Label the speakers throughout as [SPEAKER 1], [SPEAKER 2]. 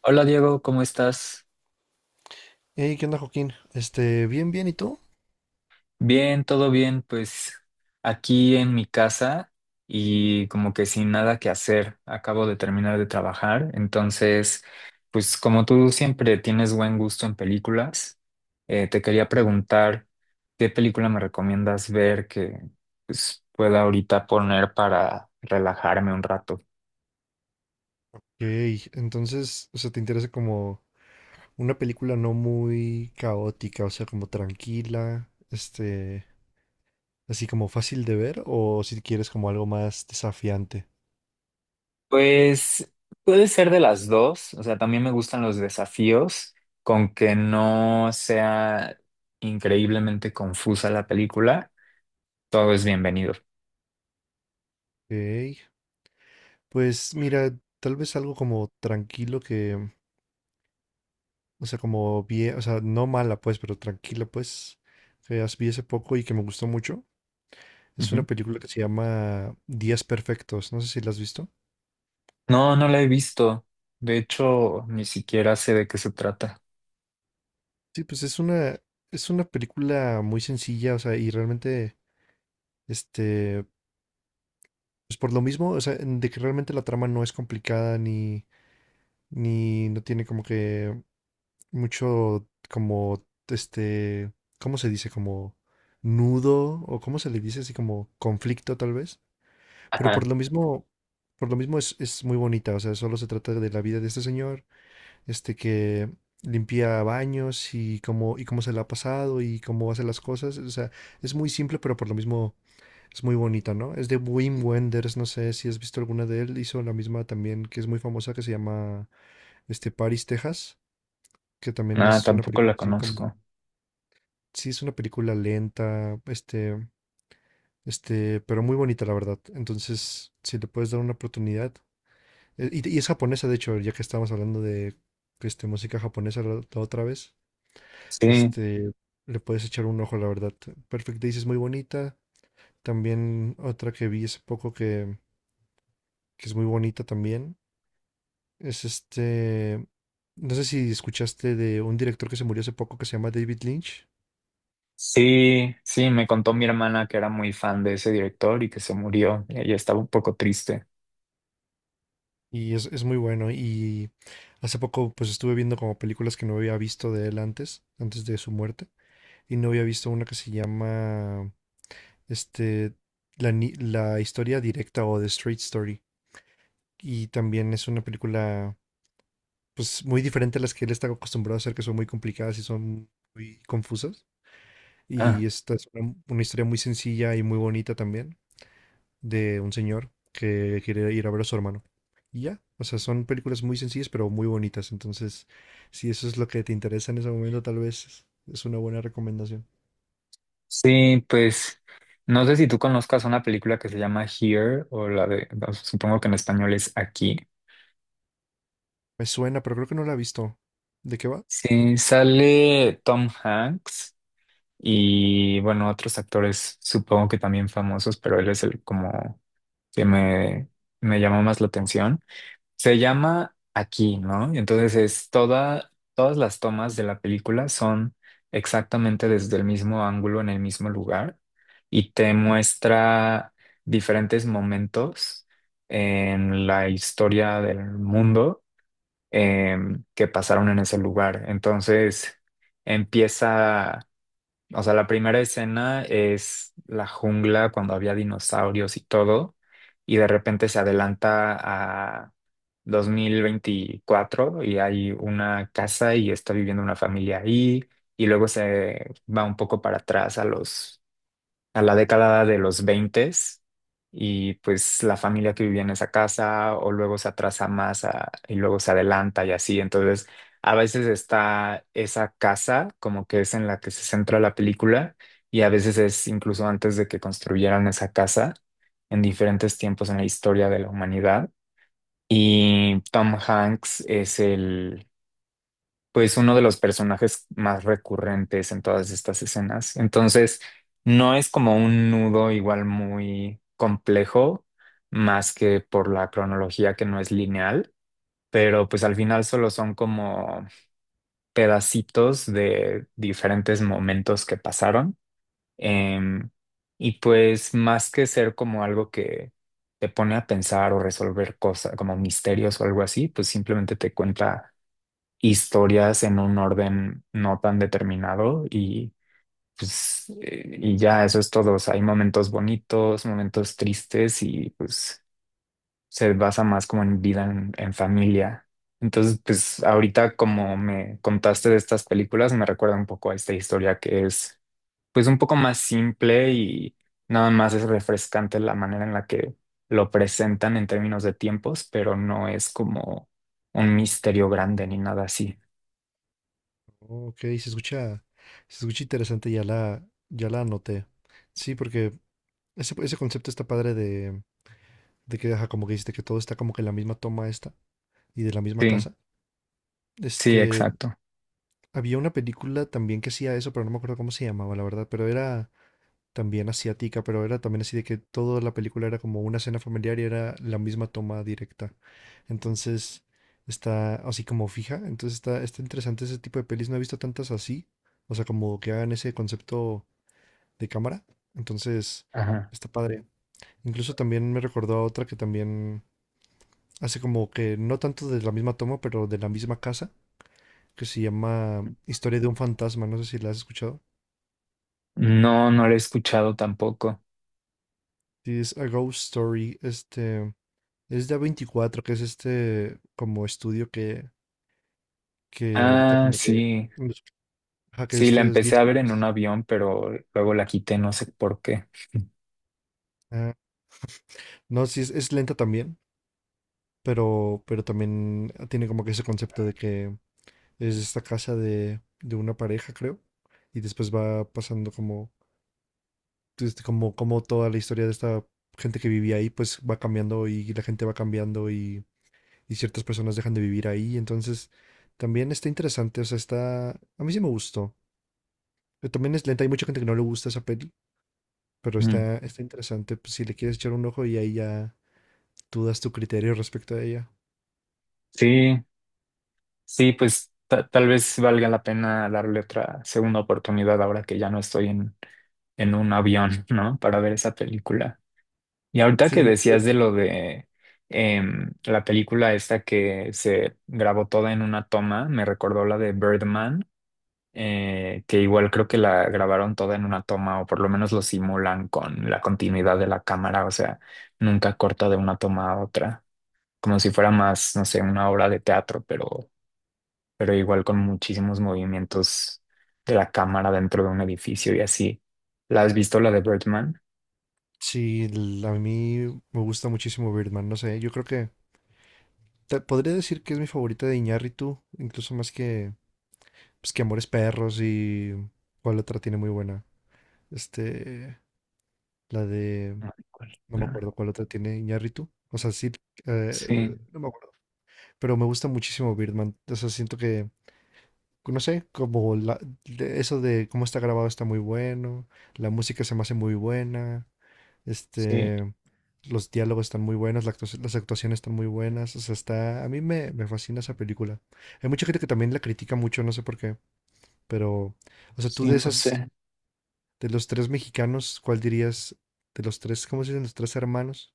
[SPEAKER 1] Hola Diego, ¿cómo estás?
[SPEAKER 2] Hey, ¿qué onda, Joaquín? Bien, bien, ¿y tú?
[SPEAKER 1] Bien, todo bien, pues aquí en mi casa y como que sin nada que hacer. Acabo de terminar de trabajar, entonces, pues como tú siempre tienes buen gusto en películas, te quería preguntar qué película me recomiendas ver que pues, pueda ahorita poner para relajarme un rato.
[SPEAKER 2] Ok, entonces, o sea, ¿te interesa como una película no muy caótica, o sea, como tranquila, así como fácil de ver, o si quieres como algo más desafiante?
[SPEAKER 1] Pues puede ser de las dos, o sea, también me gustan los desafíos, con que no sea increíblemente confusa la película, todo es bienvenido.
[SPEAKER 2] Ok, pues mira, tal vez algo como tranquilo que, o sea, como bien, o sea, no mala pues, pero tranquila pues, que vi hace poco y que me gustó mucho. Es
[SPEAKER 1] Ujú.
[SPEAKER 2] una película que se llama Días Perfectos, no sé si la has visto.
[SPEAKER 1] No, no la he visto, de hecho, ni siquiera sé de qué se trata.
[SPEAKER 2] Sí, pues es una película muy sencilla, o sea, y realmente, este, pues por lo mismo, o sea, de que realmente la trama no es complicada, ni no tiene como que mucho, como, ¿cómo se dice? Como nudo, o cómo se le dice, así como conflicto tal vez, pero por
[SPEAKER 1] Ajá.
[SPEAKER 2] lo mismo, por lo mismo es muy bonita. O sea, solo se trata de la vida de este señor que limpia baños y cómo se la ha pasado y cómo hace las cosas. O sea, es muy simple, pero por lo mismo es muy bonita, ¿no? Es de Wim Wenders, no sé si has visto alguna de él. Hizo la misma también, que es muy famosa, que se llama Paris, Texas, que también
[SPEAKER 1] Nada,
[SPEAKER 2] es una
[SPEAKER 1] tampoco la
[SPEAKER 2] película así como.
[SPEAKER 1] conozco.
[SPEAKER 2] Sí, es una película lenta, pero muy bonita, la verdad. Entonces, si le puedes dar una oportunidad. Y es japonesa, de hecho, ya que estábamos hablando de música japonesa la otra vez.
[SPEAKER 1] Sí,
[SPEAKER 2] Este, Le puedes echar un ojo, la verdad. Perfect Days es muy bonita. También otra que vi hace poco que es muy bonita también. Es este. No sé si escuchaste de un director que se murió hace poco que se llama David Lynch.
[SPEAKER 1] sí, sí, me contó mi hermana que era muy fan de ese director y que se murió, y ella estaba un poco triste.
[SPEAKER 2] Y es muy bueno. Y hace poco pues estuve viendo como películas que no había visto de él antes de su muerte. Y no había visto una que se llama este, la, ni- la historia directa o The Straight Story. Y también es una película pues muy diferente a las que él está acostumbrado a hacer, que son muy complicadas y son muy confusas. Y esta es una historia muy sencilla y muy bonita también, de un señor que quiere ir a ver a su hermano. Y ya, o sea, son películas muy sencillas pero muy bonitas. Entonces, si eso es lo que te interesa en ese momento, tal vez es una buena recomendación.
[SPEAKER 1] Sí, pues no sé si tú conozcas una película que se llama Here o la de, no, supongo que en español es Aquí.
[SPEAKER 2] Me suena, pero creo que no la he visto. ¿De qué va?
[SPEAKER 1] Sí, sale Tom Hanks y bueno, otros actores supongo que también famosos, pero él es el como que me llamó más la atención. Se llama Aquí, ¿no? Y entonces es toda, todas las tomas de la película son exactamente desde el mismo ángulo, en el mismo lugar, y te muestra diferentes momentos en la historia del mundo que pasaron en ese lugar. Entonces empieza, o sea, la primera escena es la jungla cuando había dinosaurios y todo, y de repente se adelanta a 2024 y hay una casa y está viviendo una familia ahí, y luego se va un poco para atrás a los, a la década de los 20, y pues la familia que vivía en esa casa, o luego se atrasa más y luego se adelanta y así. Entonces, a veces está esa casa como que es en la que se centra la película y a veces es incluso antes de que construyeran esa casa en diferentes tiempos en la historia de la humanidad. Y Tom Hanks es pues uno de los personajes más recurrentes en todas estas escenas. Entonces, no es como un nudo igual muy complejo, más que por la cronología que no es lineal, pero pues al final solo son como pedacitos de diferentes momentos que pasaron. Em, y pues más que ser como algo que te pone a pensar o resolver cosas como misterios o algo así, pues simplemente te cuenta historias en un orden no tan determinado y pues y ya eso es todo. O sea, hay momentos bonitos, momentos tristes y pues se basa más como en vida en familia. Entonces, pues ahorita como me contaste de estas películas, me recuerda un poco a esta historia que es pues un poco más simple y nada más es refrescante la manera en la que lo presentan en términos de tiempos, pero no es como un misterio grande ni nada así.
[SPEAKER 2] Ok, se escucha interesante, ya la anoté. Sí, porque ese concepto está padre de que, ajá, como que dijiste que todo está como que en la misma toma esta y de la misma
[SPEAKER 1] Sí.
[SPEAKER 2] casa.
[SPEAKER 1] Sí,
[SPEAKER 2] Este,
[SPEAKER 1] exacto.
[SPEAKER 2] Había una película también que hacía eso, pero no me acuerdo cómo se llamaba, la verdad, pero era también asiática, pero era también así de que toda la película era como una escena familiar y era la misma toma directa. Entonces, está así como fija, entonces está interesante ese tipo de pelis, no he visto tantas así, o sea, como que hagan ese concepto de cámara. Entonces,
[SPEAKER 1] Ajá.
[SPEAKER 2] está padre. Incluso también me recordó a otra que también hace como que no tanto de la misma toma, pero de la misma casa, que se llama Historia de un fantasma, no sé si la has escuchado.
[SPEAKER 1] No, no la he escuchado tampoco.
[SPEAKER 2] Sí, es A Ghost Story, es de A24, que es este como estudio que ahorita
[SPEAKER 1] Ah,
[SPEAKER 2] como que,
[SPEAKER 1] sí.
[SPEAKER 2] ajá, que
[SPEAKER 1] Sí, la
[SPEAKER 2] este es
[SPEAKER 1] empecé
[SPEAKER 2] 10
[SPEAKER 1] a ver en un
[SPEAKER 2] años.
[SPEAKER 1] avión, pero luego la quité, no sé por qué.
[SPEAKER 2] Ah, no, sí, es lenta también, pero también tiene como que ese concepto de que es esta casa de una pareja, creo, y después va pasando como como toda la historia de esta gente que vivía ahí, pues va cambiando y la gente va cambiando y ciertas personas dejan de vivir ahí. Entonces, también está interesante. O sea, está, a mí sí me gustó. Pero también es lenta, hay mucha gente que no le gusta esa peli, pero
[SPEAKER 1] Mm.
[SPEAKER 2] está interesante. Pues, si le quieres echar un ojo y ahí ya tú das tu criterio respecto a ella.
[SPEAKER 1] Sí, sí, pues tal vez valga la pena darle otra segunda oportunidad ahora que ya no estoy en un avión, ¿no? Para ver esa película. Y ahorita
[SPEAKER 2] Sí,
[SPEAKER 1] que
[SPEAKER 2] no,
[SPEAKER 1] decías de lo de la película esta que se grabó toda en una toma, me recordó la de Birdman, que igual creo que la grabaron toda en una toma o por lo menos lo simulan con la continuidad de la cámara, o sea, nunca corta de una toma a otra, como si fuera más, no sé, una obra de teatro, pero igual con muchísimos movimientos de la cámara dentro de un edificio y así. ¿La has visto la de Birdman?
[SPEAKER 2] sí, a mí me gusta muchísimo Birdman, no sé, yo creo que podría decir que es mi favorita de Iñárritu, incluso más que, pues, que Amores Perros. Y cuál otra tiene muy buena. Este, la de,
[SPEAKER 1] Ay, ¿cuál
[SPEAKER 2] no me
[SPEAKER 1] otra?
[SPEAKER 2] acuerdo cuál otra tiene Iñárritu. O sea, sí, eh,
[SPEAKER 1] Sí,
[SPEAKER 2] no me acuerdo. Pero me gusta muchísimo Birdman. O sea, siento que, no sé, eso de cómo está grabado está muy bueno. La música se me hace muy buena.
[SPEAKER 1] sí,
[SPEAKER 2] Este, los diálogos están muy buenos. Las actuaciones están muy buenas. O sea, a mí me fascina esa película. Hay mucha gente que también la critica mucho, no sé por qué. Pero, o sea, tú
[SPEAKER 1] sí,
[SPEAKER 2] de
[SPEAKER 1] no
[SPEAKER 2] esas.
[SPEAKER 1] sé.
[SPEAKER 2] De los tres mexicanos, ¿cuál dirías? De los tres, ¿cómo se dicen? Los tres hermanos,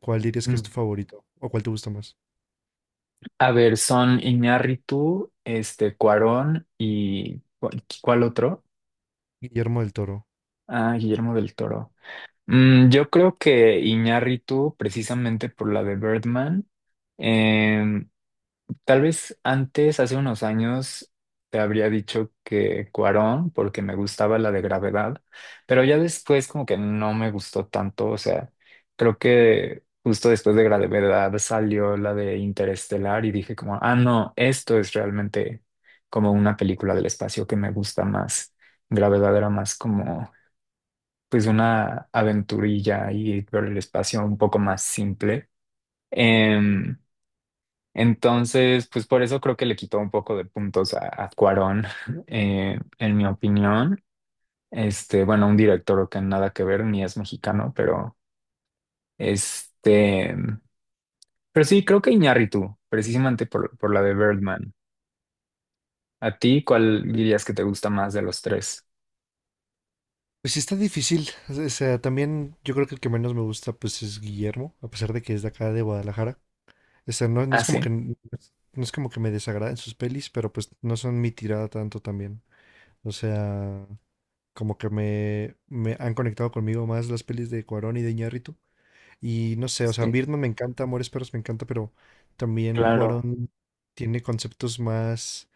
[SPEAKER 2] ¿cuál dirías que es
[SPEAKER 1] Mm.
[SPEAKER 2] tu favorito? ¿O cuál te gusta más?
[SPEAKER 1] A ver, son Iñárritu, este, Cuarón y ¿cuál otro?
[SPEAKER 2] Guillermo del Toro.
[SPEAKER 1] Ah, Guillermo del Toro. Yo creo que Iñárritu, precisamente por la de Birdman. em, Tal vez antes, hace unos años, te habría dicho que Cuarón, porque me gustaba la de Gravedad, pero ya después como que no me gustó tanto, o sea, creo que justo después de Gravedad salió la de Interestelar y dije como, ah, no, esto es realmente como una película del espacio que me gusta más. Gravedad era más como pues una aventurilla y por el espacio un poco más simple.
[SPEAKER 2] Sí.
[SPEAKER 1] Em, entonces, pues por eso creo que le quitó un poco de puntos a Cuarón, en mi opinión. Este, bueno, un director que nada que ver, ni es mexicano, pero este, pero sí, creo que Iñárritu, precisamente por la de Birdman. ¿A ti cuál dirías que te gusta más de los tres?
[SPEAKER 2] Pues sí, está difícil. O sea, también yo creo que el que menos me gusta pues es Guillermo, a pesar de que es de acá de Guadalajara. O sea, no, no
[SPEAKER 1] Ah,
[SPEAKER 2] es como
[SPEAKER 1] sí.
[SPEAKER 2] que n- no es como que me desagraden sus pelis, pero pues no son mi tirada tanto también. O sea, como que me han conectado conmigo más las pelis de Cuarón y de Iñárritu. Y no sé, o sea,
[SPEAKER 1] Sí,
[SPEAKER 2] Birdman me encanta, Amores Perros me encanta, pero también
[SPEAKER 1] claro.
[SPEAKER 2] Cuarón tiene conceptos más,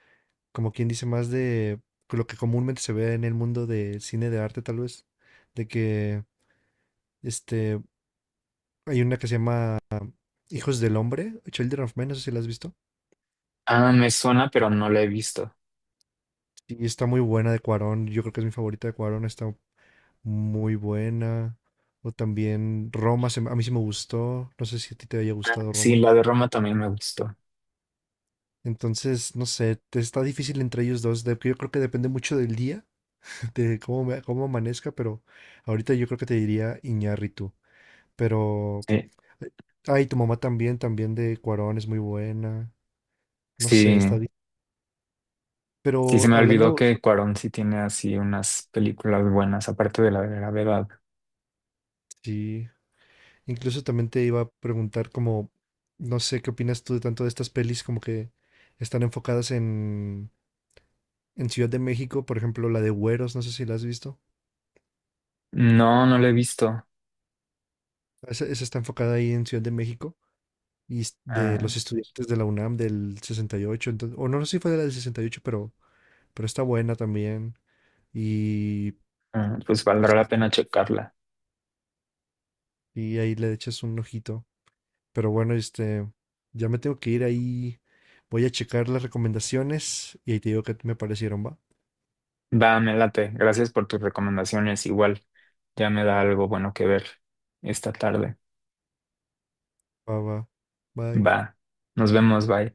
[SPEAKER 2] como quien dice, más de lo que comúnmente se ve en el mundo del cine de arte, tal vez, de que este hay una que se llama Hijos del Hombre, Children of Men, no sé si la has visto.
[SPEAKER 1] Ah, me suena, pero no la he visto.
[SPEAKER 2] Y está muy buena de Cuarón, yo creo que es mi favorita de Cuarón, está muy buena. O también Roma, a mí sí me gustó, no sé si a ti te haya
[SPEAKER 1] Ah,
[SPEAKER 2] gustado
[SPEAKER 1] sí,
[SPEAKER 2] Roma.
[SPEAKER 1] la de Roma también me gustó.
[SPEAKER 2] Entonces, no sé, está difícil entre ellos dos. Yo creo que depende mucho del día, de cómo amanezca, pero ahorita yo creo que te diría Iñárritu. Pero,
[SPEAKER 1] Sí,
[SPEAKER 2] eh, ay, tu mamá también, también de Cuarón es muy buena. No sé, está
[SPEAKER 1] sí,
[SPEAKER 2] bien.
[SPEAKER 1] sí se
[SPEAKER 2] Pero
[SPEAKER 1] me olvidó
[SPEAKER 2] hablando, so,
[SPEAKER 1] que Cuarón sí tiene así unas películas buenas, aparte de la de Gravedad.
[SPEAKER 2] sí, incluso también te iba a preguntar como, no sé, ¿qué opinas tú de tanto de estas pelis como que están enfocadas en Ciudad de México? Por ejemplo, la de Güeros, no sé si la has visto.
[SPEAKER 1] No, no la he visto.
[SPEAKER 2] Esa está enfocada ahí en Ciudad de México, de
[SPEAKER 1] Ah,
[SPEAKER 2] los estudiantes de la UNAM del 68. Entonces, o no, sé si fue de la del 68, pero está buena también. Y
[SPEAKER 1] ah, pues valdrá
[SPEAKER 2] pues,
[SPEAKER 1] la pena checarla.
[SPEAKER 2] y ahí le echas un ojito. Pero bueno, ya me tengo que ir ahí. Voy a checar las recomendaciones y ahí te digo qué me parecieron, va.
[SPEAKER 1] Va, me late. Gracias por tus recomendaciones. Igual ya me da algo bueno que ver esta tarde.
[SPEAKER 2] Va, va. Bye.
[SPEAKER 1] Va, nos vemos, bye.